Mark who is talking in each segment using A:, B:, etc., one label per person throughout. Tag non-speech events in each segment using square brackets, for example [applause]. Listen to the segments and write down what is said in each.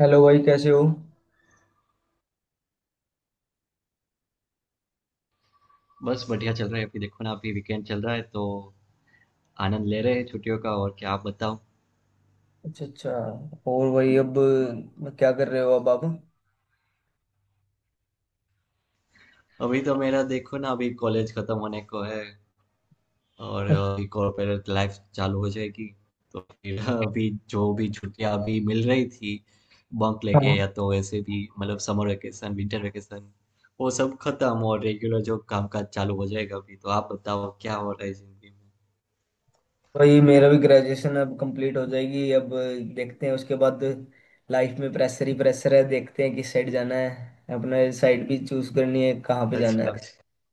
A: Hello भाई, कैसे हो?
B: बस बढ़िया चल रहा है। अभी देखो ना, अभी वीकेंड चल रहा है तो आनंद ले रहे हैं छुट्टियों का। और क्या, आप बताओ।
A: अच्छा अच्छा। और भाई, अब क्या कर रहे हो अब आप?
B: अभी तो मेरा देखो ना, अभी कॉलेज खत्म होने को है और अभी कॉर्पोरेट लाइफ चालू हो जाएगी। तो फिर अभी जो भी छुट्टियां अभी मिल रही थी बंक लेके या
A: हाँ,
B: तो ऐसे भी, मतलब समर वेकेशन, विंटर वेकेशन, वो सब खत्म और रेगुलर जो कामकाज चालू हो जाएगा। अभी तो आप बताओ क्या हो रहा है जिंदगी में।
A: भाई मेरा भी ग्रेजुएशन अब कंप्लीट हो जाएगी अब। देखते हैं उसके बाद। लाइफ में प्रेशर ही प्रेशर है, देखते हैं किस साइड जाना है, अपने साइड भी चूज करनी है कहाँ पे जाना
B: अच्छा।
A: है।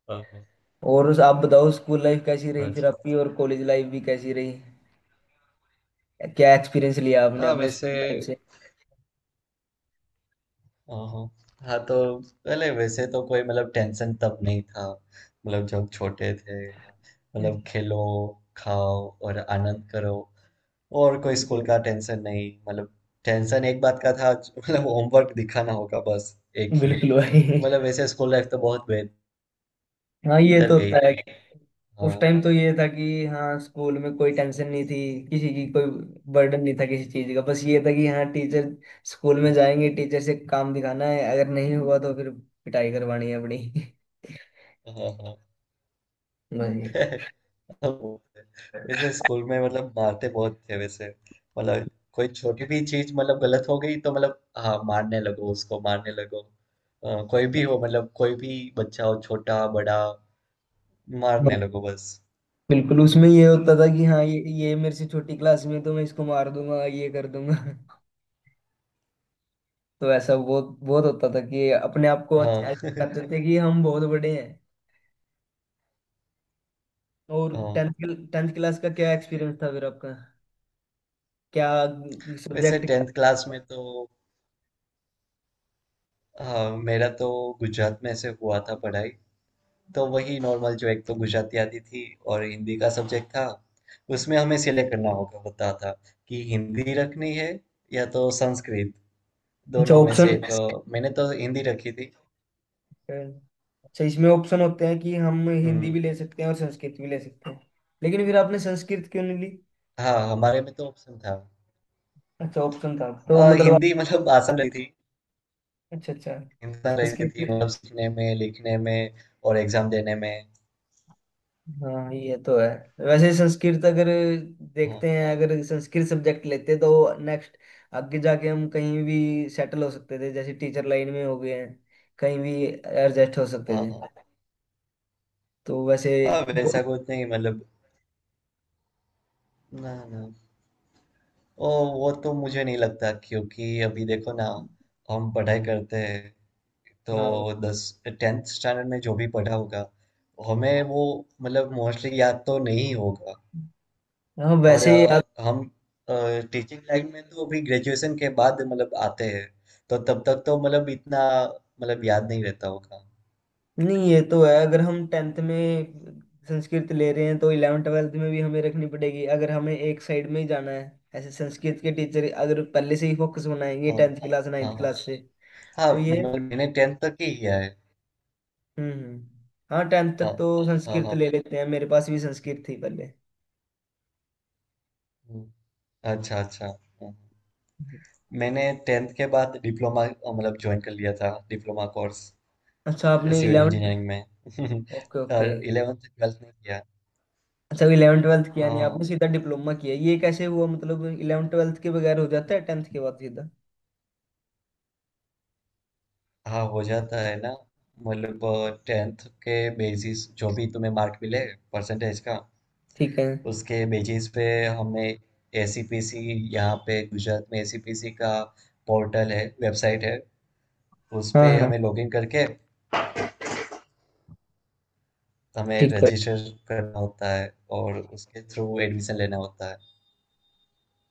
B: हाँ, हाँ।
A: और आप बताओ, स्कूल लाइफ कैसी रही फिर
B: अच्छा।
A: आपकी, और कॉलेज लाइफ भी कैसी रही? क्या एक्सपीरियंस लिया आपने
B: हाँ
A: अपने
B: वैसे।
A: स्कूल लाइफ से?
B: हाँ, हाँ, तो पहले वैसे तो कोई मतलब टेंशन तब नहीं था। मतलब जब छोटे थे, मतलब खेलो, खाओ और आनंद करो। और कोई
A: बिल्कुल
B: स्कूल
A: भाई।
B: का टेंशन नहीं, मतलब टेंशन एक बात का था, मतलब होमवर्क दिखाना होगा बस, एक ही।
A: बिल्कुल भाई।
B: मतलब वैसे स्कूल लाइफ तो बहुत बेहतर
A: हाँ, ये तो
B: गई
A: होता है।
B: थी।
A: उस
B: हाँ।
A: टाइम तो ये था कि हाँ, स्कूल में कोई टेंशन नहीं थी, किसी की कोई बर्डन नहीं था किसी चीज का। बस ये था कि हाँ टीचर, स्कूल में
B: हम्म,
A: जाएंगे, टीचर से काम दिखाना है, अगर नहीं हुआ तो फिर पिटाई करवानी है अपनी। [laughs]
B: हाँ, हाँ
A: बस ये।
B: [laughs] [laughs] वो है। वैसे स्कूल में मतलब मारते बहुत थे वैसे। मतलब कोई छोटी भी चीज मतलब गलत हो गई तो मतलब हाँ, मारने लगो, उसको मारने लगो। कोई भी हो, मतलब कोई भी बच्चा हो, छोटा बड़ा,
A: हाँ,
B: मारने लगो बस।
A: बिल्कुल। उसमें ये होता था कि हाँ, ये मेरे से छोटी क्लास में है, तो मैं इसको मार दूंगा, ये कर दूंगा। [laughs] तो ऐसा बहुत बहुत होता था कि अपने आप को
B: हाँ
A: ऐसा
B: [laughs]
A: करते थे कि हम बहुत बड़े हैं। और
B: हाँ,
A: टेंथ टेंथ क्लास का क्या एक्सपीरियंस था फिर आपका? क्या
B: वैसे
A: सब्जेक्ट?
B: टेंथ क्लास में तो हाँ, मेरा तो गुजरात में से हुआ था पढ़ाई। तो वही नॉर्मल, जो एक तो गुजराती आती थी और हिंदी का सब्जेक्ट था। उसमें हमें सिलेक्ट करना होगा होता था कि हिंदी रखनी है या तो संस्कृत,
A: अच्छा
B: दोनों में से
A: ऑप्शन।
B: एक। मैंने तो हिंदी रखी थी।
A: Current। अच्छा, इसमें ऑप्शन होते हैं कि हम हिंदी
B: हम्म।
A: भी ले सकते हैं और संस्कृत भी ले सकते हैं, लेकिन फिर आपने संस्कृत क्यों नहीं ली?
B: हाँ, हमारे में तो ऑप्शन था।
A: अच्छा, ऑप्शन था तो मतलब
B: हिंदी मतलब [laughs] आसान रही थी,
A: अच्छा अच्छा।
B: हिंदुस्तान रहती
A: संस्कृत।
B: थी मतलब सीखने में, लिखने में और एग्जाम देने में।
A: हाँ, ये तो है। वैसे संस्कृत अगर,
B: हाँ,
A: देखते हैं अगर संस्कृत सब्जेक्ट लेते तो नेक्स्ट, आगे जाके हम कहीं भी सेटल हो सकते थे, जैसे टीचर लाइन में हो गए हैं, कहीं भी एडजस्ट हो सकते
B: हाँ।
A: थे।
B: हाँ,
A: तो वैसे
B: हाँ, वैसा कुछ नहीं, मतलब ना ना, ओ वो तो मुझे नहीं लगता क्योंकि अभी देखो ना, हम पढ़ाई करते हैं तो
A: हाँ
B: दस टेंथ स्टैंडर्ड में जो भी पढ़ा होगा हमें वो मतलब मोस्टली याद तो नहीं होगा।
A: हाँ,
B: और
A: वैसे।
B: हम टीचिंग लाइन में तो अभी ग्रेजुएशन के बाद मतलब आते हैं तो तब तक तो मतलब इतना मतलब याद नहीं रहता होगा।
A: नहीं, ये तो है। अगर हम टेंथ में संस्कृत ले रहे हैं तो इलेवन ट्वेल्थ में भी हमें रखनी पड़ेगी, अगर हमें एक साइड में ही जाना है। ऐसे संस्कृत के टीचर अगर पहले से ही फोकस बनाएंगे
B: हाँ,
A: टेंथ क्लास
B: हाँ।
A: नाइन्थ
B: हाँ,
A: क्लास से,
B: हाँ
A: तो ये।
B: मतलब मैंने टेंथ तक ही किया है।
A: हम्म। हाँ, टेंथ
B: हाँ,
A: तक तो
B: हाँ।
A: संस्कृत
B: हाँ।
A: ले लेते हैं, मेरे पास भी संस्कृत थी पहले।
B: हम्म, अच्छा, अच्छा। हम्म। मैंने टेंथ के बाद डिप्लोमा मतलब ज्वाइन कर लिया था, डिप्लोमा कोर्स
A: अच्छा, आपने
B: सिविल
A: इलेवन?
B: इंजीनियरिंग में
A: ओके
B: [laughs]
A: ओके।
B: और इलेवेंथ ट्वेल्थ में किया।
A: अच्छा, इलेवन ट्वेल्थ किया नहीं
B: हाँ,
A: आपने, सीधा डिप्लोमा किया, ये कैसे हुआ? मतलब इलेवन ट्वेल्थ के बगैर हो जाता है टेंथ के बाद सीधा?
B: हाँ हो जाता है ना, मतलब टेंथ के बेसिस, जो भी तुम्हें मार्क मिले परसेंटेज का,
A: ठीक है।
B: उसके बेसिस पे हमें ACPC, यहाँ पे गुजरात में ACPC का पोर्टल है, वेबसाइट है। उस
A: हाँ
B: पे
A: हाँ।
B: हमें लॉगिन करके हमें
A: ठीक है।
B: रजिस्टर करना होता है और उसके थ्रू एडमिशन लेना होता है।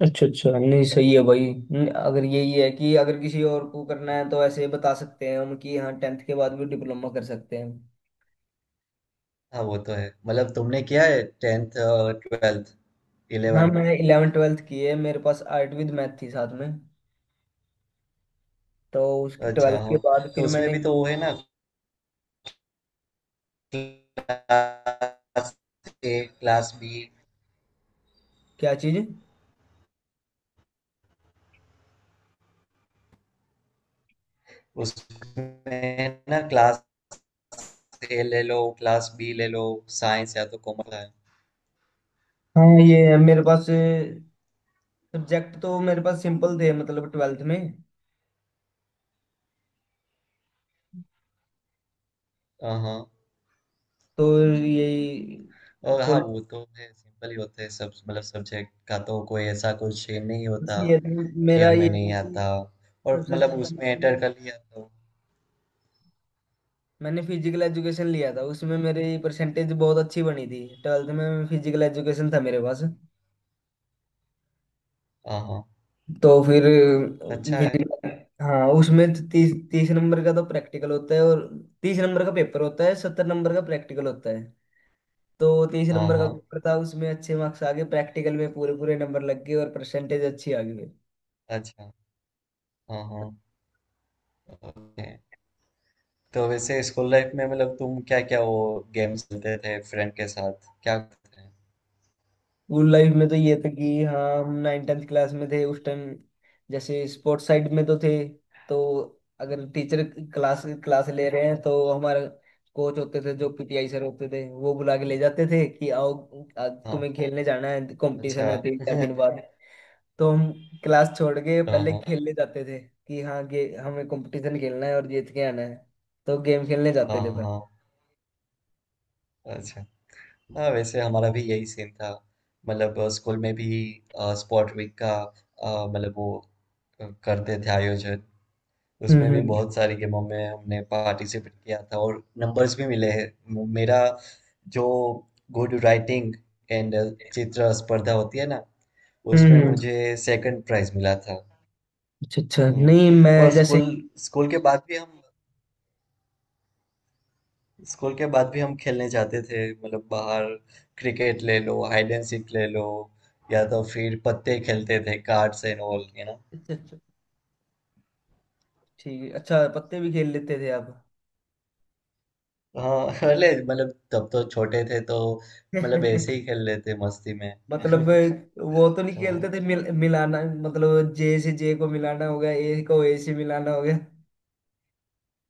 A: अच्छा अच्छा, नहीं सही है भाई। अगर यही है कि अगर किसी और को करना है तो ऐसे बता सकते हैं हम कि हाँ, टेंथ के बाद भी डिप्लोमा कर सकते हैं।
B: हाँ, वो तो है मतलब तुमने किया है टेंथ ट्वेल्थ
A: हाँ,
B: इलेवन।
A: मैंने इलेवन ट्वेल्थ की है, मेरे पास आर्ट विद मैथ थी साथ में। तो उस
B: अच्छा
A: ट्वेल्थ के
B: हाँ,
A: बाद
B: तो
A: फिर
B: उसमें
A: मैंने,
B: भी तो वो है ना, क्लास A, क्लास B।
A: क्या चीज़?
B: उसमें ना, क्लास A ले लो, क्लास B ले लो, साइंस या तो कॉमर्स है।
A: हाँ ये है, मेरे पास सब्जेक्ट तो मेरे पास सिंपल थे मतलब ट्वेल्थ में।
B: हाँ,
A: तो यही,
B: और हाँ,
A: पॉलिटिक्स
B: वो तो है, सिंपल ही होते हैं सब, मतलब सब्जेक्ट का तो कोई ऐसा कुछ ये नहीं होता
A: ये था।
B: कि
A: मेरा
B: हमें
A: ये था
B: नहीं
A: कि
B: आता और
A: सबसे
B: मतलब
A: ज्यादा
B: उसमें
A: मैंने,
B: एंटर कर लिया तो।
A: मैंने फिजिकल एजुकेशन लिया था। उसमें मेरी परसेंटेज बहुत अच्छी बनी थी ट्वेल्थ में, फिजिकल एजुकेशन था मेरे पास।
B: हाँ, हाँ।
A: तो फिर
B: अच्छा है।
A: फिजिकल, हाँ उसमें 30-30 नंबर का तो प्रैक्टिकल होता है और 30 नंबर का पेपर होता है, 70 नंबर का प्रैक्टिकल होता है। तो तीस
B: हाँ,
A: नंबर का
B: हाँ।
A: पेपर था, उसमें अच्छे मार्क्स आ गए, प्रैक्टिकल में पूरे पूरे नंबर लग गए और परसेंटेज अच्छी आ गई।
B: अच्छा। हाँ, हाँ। ओके, तो वैसे स्कूल लाइफ में मतलब तुम क्या क्या वो गेम्स खेलते थे, फ्रेंड के साथ क्या करते थे?
A: स्कूल लाइफ में तो ये था कि हाँ, हम नाइन टेंथ क्लास में थे उस टाइम। जैसे स्पोर्ट्स साइड में तो थे, तो अगर टीचर क्लास क्लास ले रहे हैं तो हमारे कोच होते थे, जो PTI सर होते थे, वो बुला के ले जाते थे कि आओ, आज
B: हाँ।
A: तुम्हें खेलने जाना है,
B: अच्छा
A: कंपटीशन है 3-4 दिन
B: [laughs]
A: बाद। तो हम क्लास छोड़ के
B: हाँ,
A: पहले
B: हाँ।
A: खेलने जाते थे कि हाँ गे, हमें कंपटीशन खेलना है और जीत के आना है। तो गेम खेलने
B: हाँ,
A: जाते थे पहले।
B: हाँ। अच्छा। हाँ, वैसे हमारा भी यही सीन था। मतलब स्कूल में भी स्पोर्ट वीक का, मतलब वो, करते थे आयोजन। उसमें भी
A: हम्म।
B: बहुत सारी गेमों में हमने पार्टिसिपेट किया था और नंबर्स भी मिले हैं। मेरा जो गुड राइटिंग एंड चित्र स्पर्धा होती है ना, उसमें
A: हम्म,
B: मुझे सेकंड प्राइज मिला था।
A: अच्छा अच्छा, नहीं मैं
B: हम्म। और
A: जैसे,
B: स्कूल, स्कूल के बाद भी हम, स्कूल के बाद भी हम खेलने जाते थे मतलब बाहर। क्रिकेट ले लो, हाइड एंड सीक ले लो, या तो फिर पत्ते खेलते थे, कार्ड्स एंड ऑल।
A: अच्छा अच्छा। ठीक है। अच्छा, पत्ते भी खेल लेते थे आप?
B: हाँ [laughs] अरे मतलब तब तो छोटे थे तो, मतलब ऐसे ही
A: [laughs] हाँ,
B: खेल लेते मस्ती में [laughs]
A: मतलब वो तो नहीं
B: हाँ,
A: खेलते थे, मिलाना, मतलब जे से जे को मिलाना हो गया, ए को ए से मिलाना हो गया,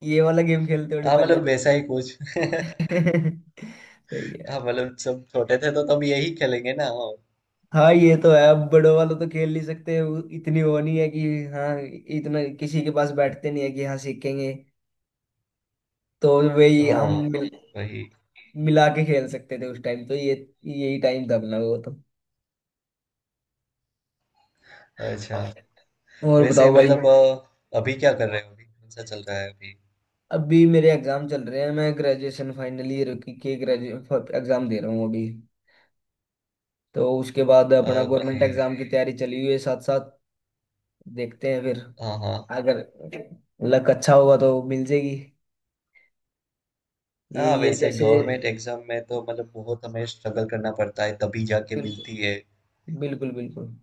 A: ये वाला गेम खेलते होंगे
B: हाँ,
A: पहले
B: मतलब
A: तो।
B: वैसा ही कुछ [laughs]
A: [laughs] सही
B: हाँ
A: है।
B: मतलब सब छोटे थे तो तब यही खेलेंगे ना, हाँ।
A: हाँ, ये तो है, अब बड़ों वालों तो खेल नहीं सकते, वो इतनी वो नहीं है कि हाँ, इतना किसी के पास बैठते नहीं है कि हाँ सीखेंगे। तो वही हम
B: हाँ, वही।
A: मिला के खेल सकते थे उस टाइम, तो ये यही टाइम था अपना वो तो।
B: अच्छा।
A: और
B: वैसे
A: बताओ भाई,
B: मतलब अभी क्या कर रहे हो, अभी कौन सा चल रहा है अभी?
A: अभी मेरे एग्जाम चल रहे हैं, मैं ग्रेजुएशन फाइनल ईयर की के ग्रेजुएट एग्जाम दे रहा हूँ अभी। तो उसके बाद अपना
B: ओके।
A: गवर्नमेंट एग्जाम की तैयारी चली हुई है साथ साथ। देखते हैं फिर,
B: हाँ, हाँ।
A: अगर लक अच्छा होगा तो मिल जाएगी। ये
B: हाँ,
A: ये
B: वैसे
A: जैसे,
B: गवर्नमेंट एग्जाम में तो मतलब बहुत हमें स्ट्रगल करना पड़ता है, तभी जाके
A: बिल्कुल।
B: मिलती है।
A: बिल्कुल बिल्कुल।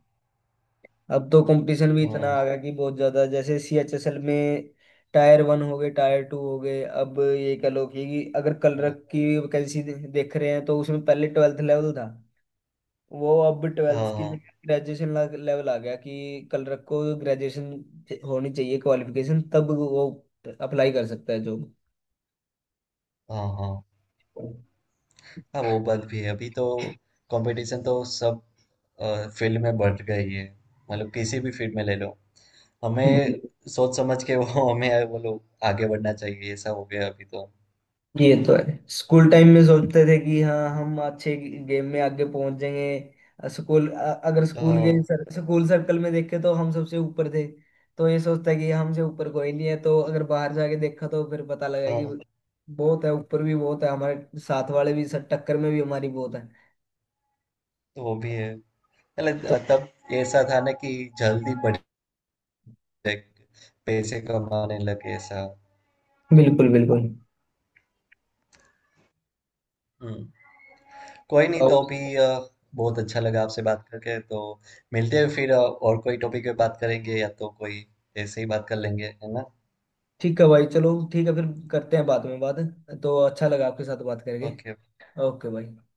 A: अब तो कंपटीशन भी इतना
B: हाँ,
A: आ गया कि बहुत ज्यादा, जैसे CHSL में टायर 1 हो गए, टायर 2 हो गए। अब ये कह लो कि अगर कलर
B: हाँ।
A: की वैकेंसी देख रहे हैं तो उसमें पहले ट्वेल्थ लेवल था, वो अब ट्वेल्थ
B: हाँ,
A: की
B: हाँ।
A: जगह ग्रेजुएशन लेवल आ गया कि कलरक को ग्रेजुएशन होनी चाहिए क्वालिफिकेशन, तब वो अप्लाई कर सकता है जॉब।
B: हाँ, हाँ। हाँ, वो बात भी है। अभी तो कंपटीशन तो सब फील्ड में बढ़ गई है, मतलब किसी भी फील्ड में ले लो हमें सोच समझ के [laughs] वो, हमें वो लोग आगे बढ़ना चाहिए, ऐसा हो गया अभी तो।
A: ये तो है, स्कूल टाइम में सोचते थे कि हाँ, हम अच्छे गेम में आगे पहुंच जाएंगे स्कूल, अगर स्कूल के
B: हाँ,
A: स्कूल सर्कल में देखे तो हम सबसे ऊपर थे, तो ये सोचता है कि हमसे ऊपर कोई नहीं है। तो अगर बाहर जाके देखा तो फिर पता लगा
B: हाँ,
A: कि बहुत है, ऊपर भी बहुत है, हमारे साथ वाले भी, सर टक्कर में भी हमारी बहुत है।
B: तो वो भी है
A: तो
B: मतलब तब ऐसा था ना कि जल्दी बढ़ जाए, पैसे कमाने लगे ऐसा।
A: बिल्कुल बिल्कुल।
B: हम्म। कोई नहीं, तो
A: और
B: अभी बहुत अच्छा लगा आपसे बात करके, तो मिलते हैं फिर और कोई टॉपिक पे बात करेंगे या तो कोई ऐसे ही बात कर लेंगे, है ना?
A: ठीक है भाई, चलो ठीक है फिर, करते हैं बाद में बात। तो अच्छा लगा आपके साथ बात करके।
B: ओके।
A: ओके भाई।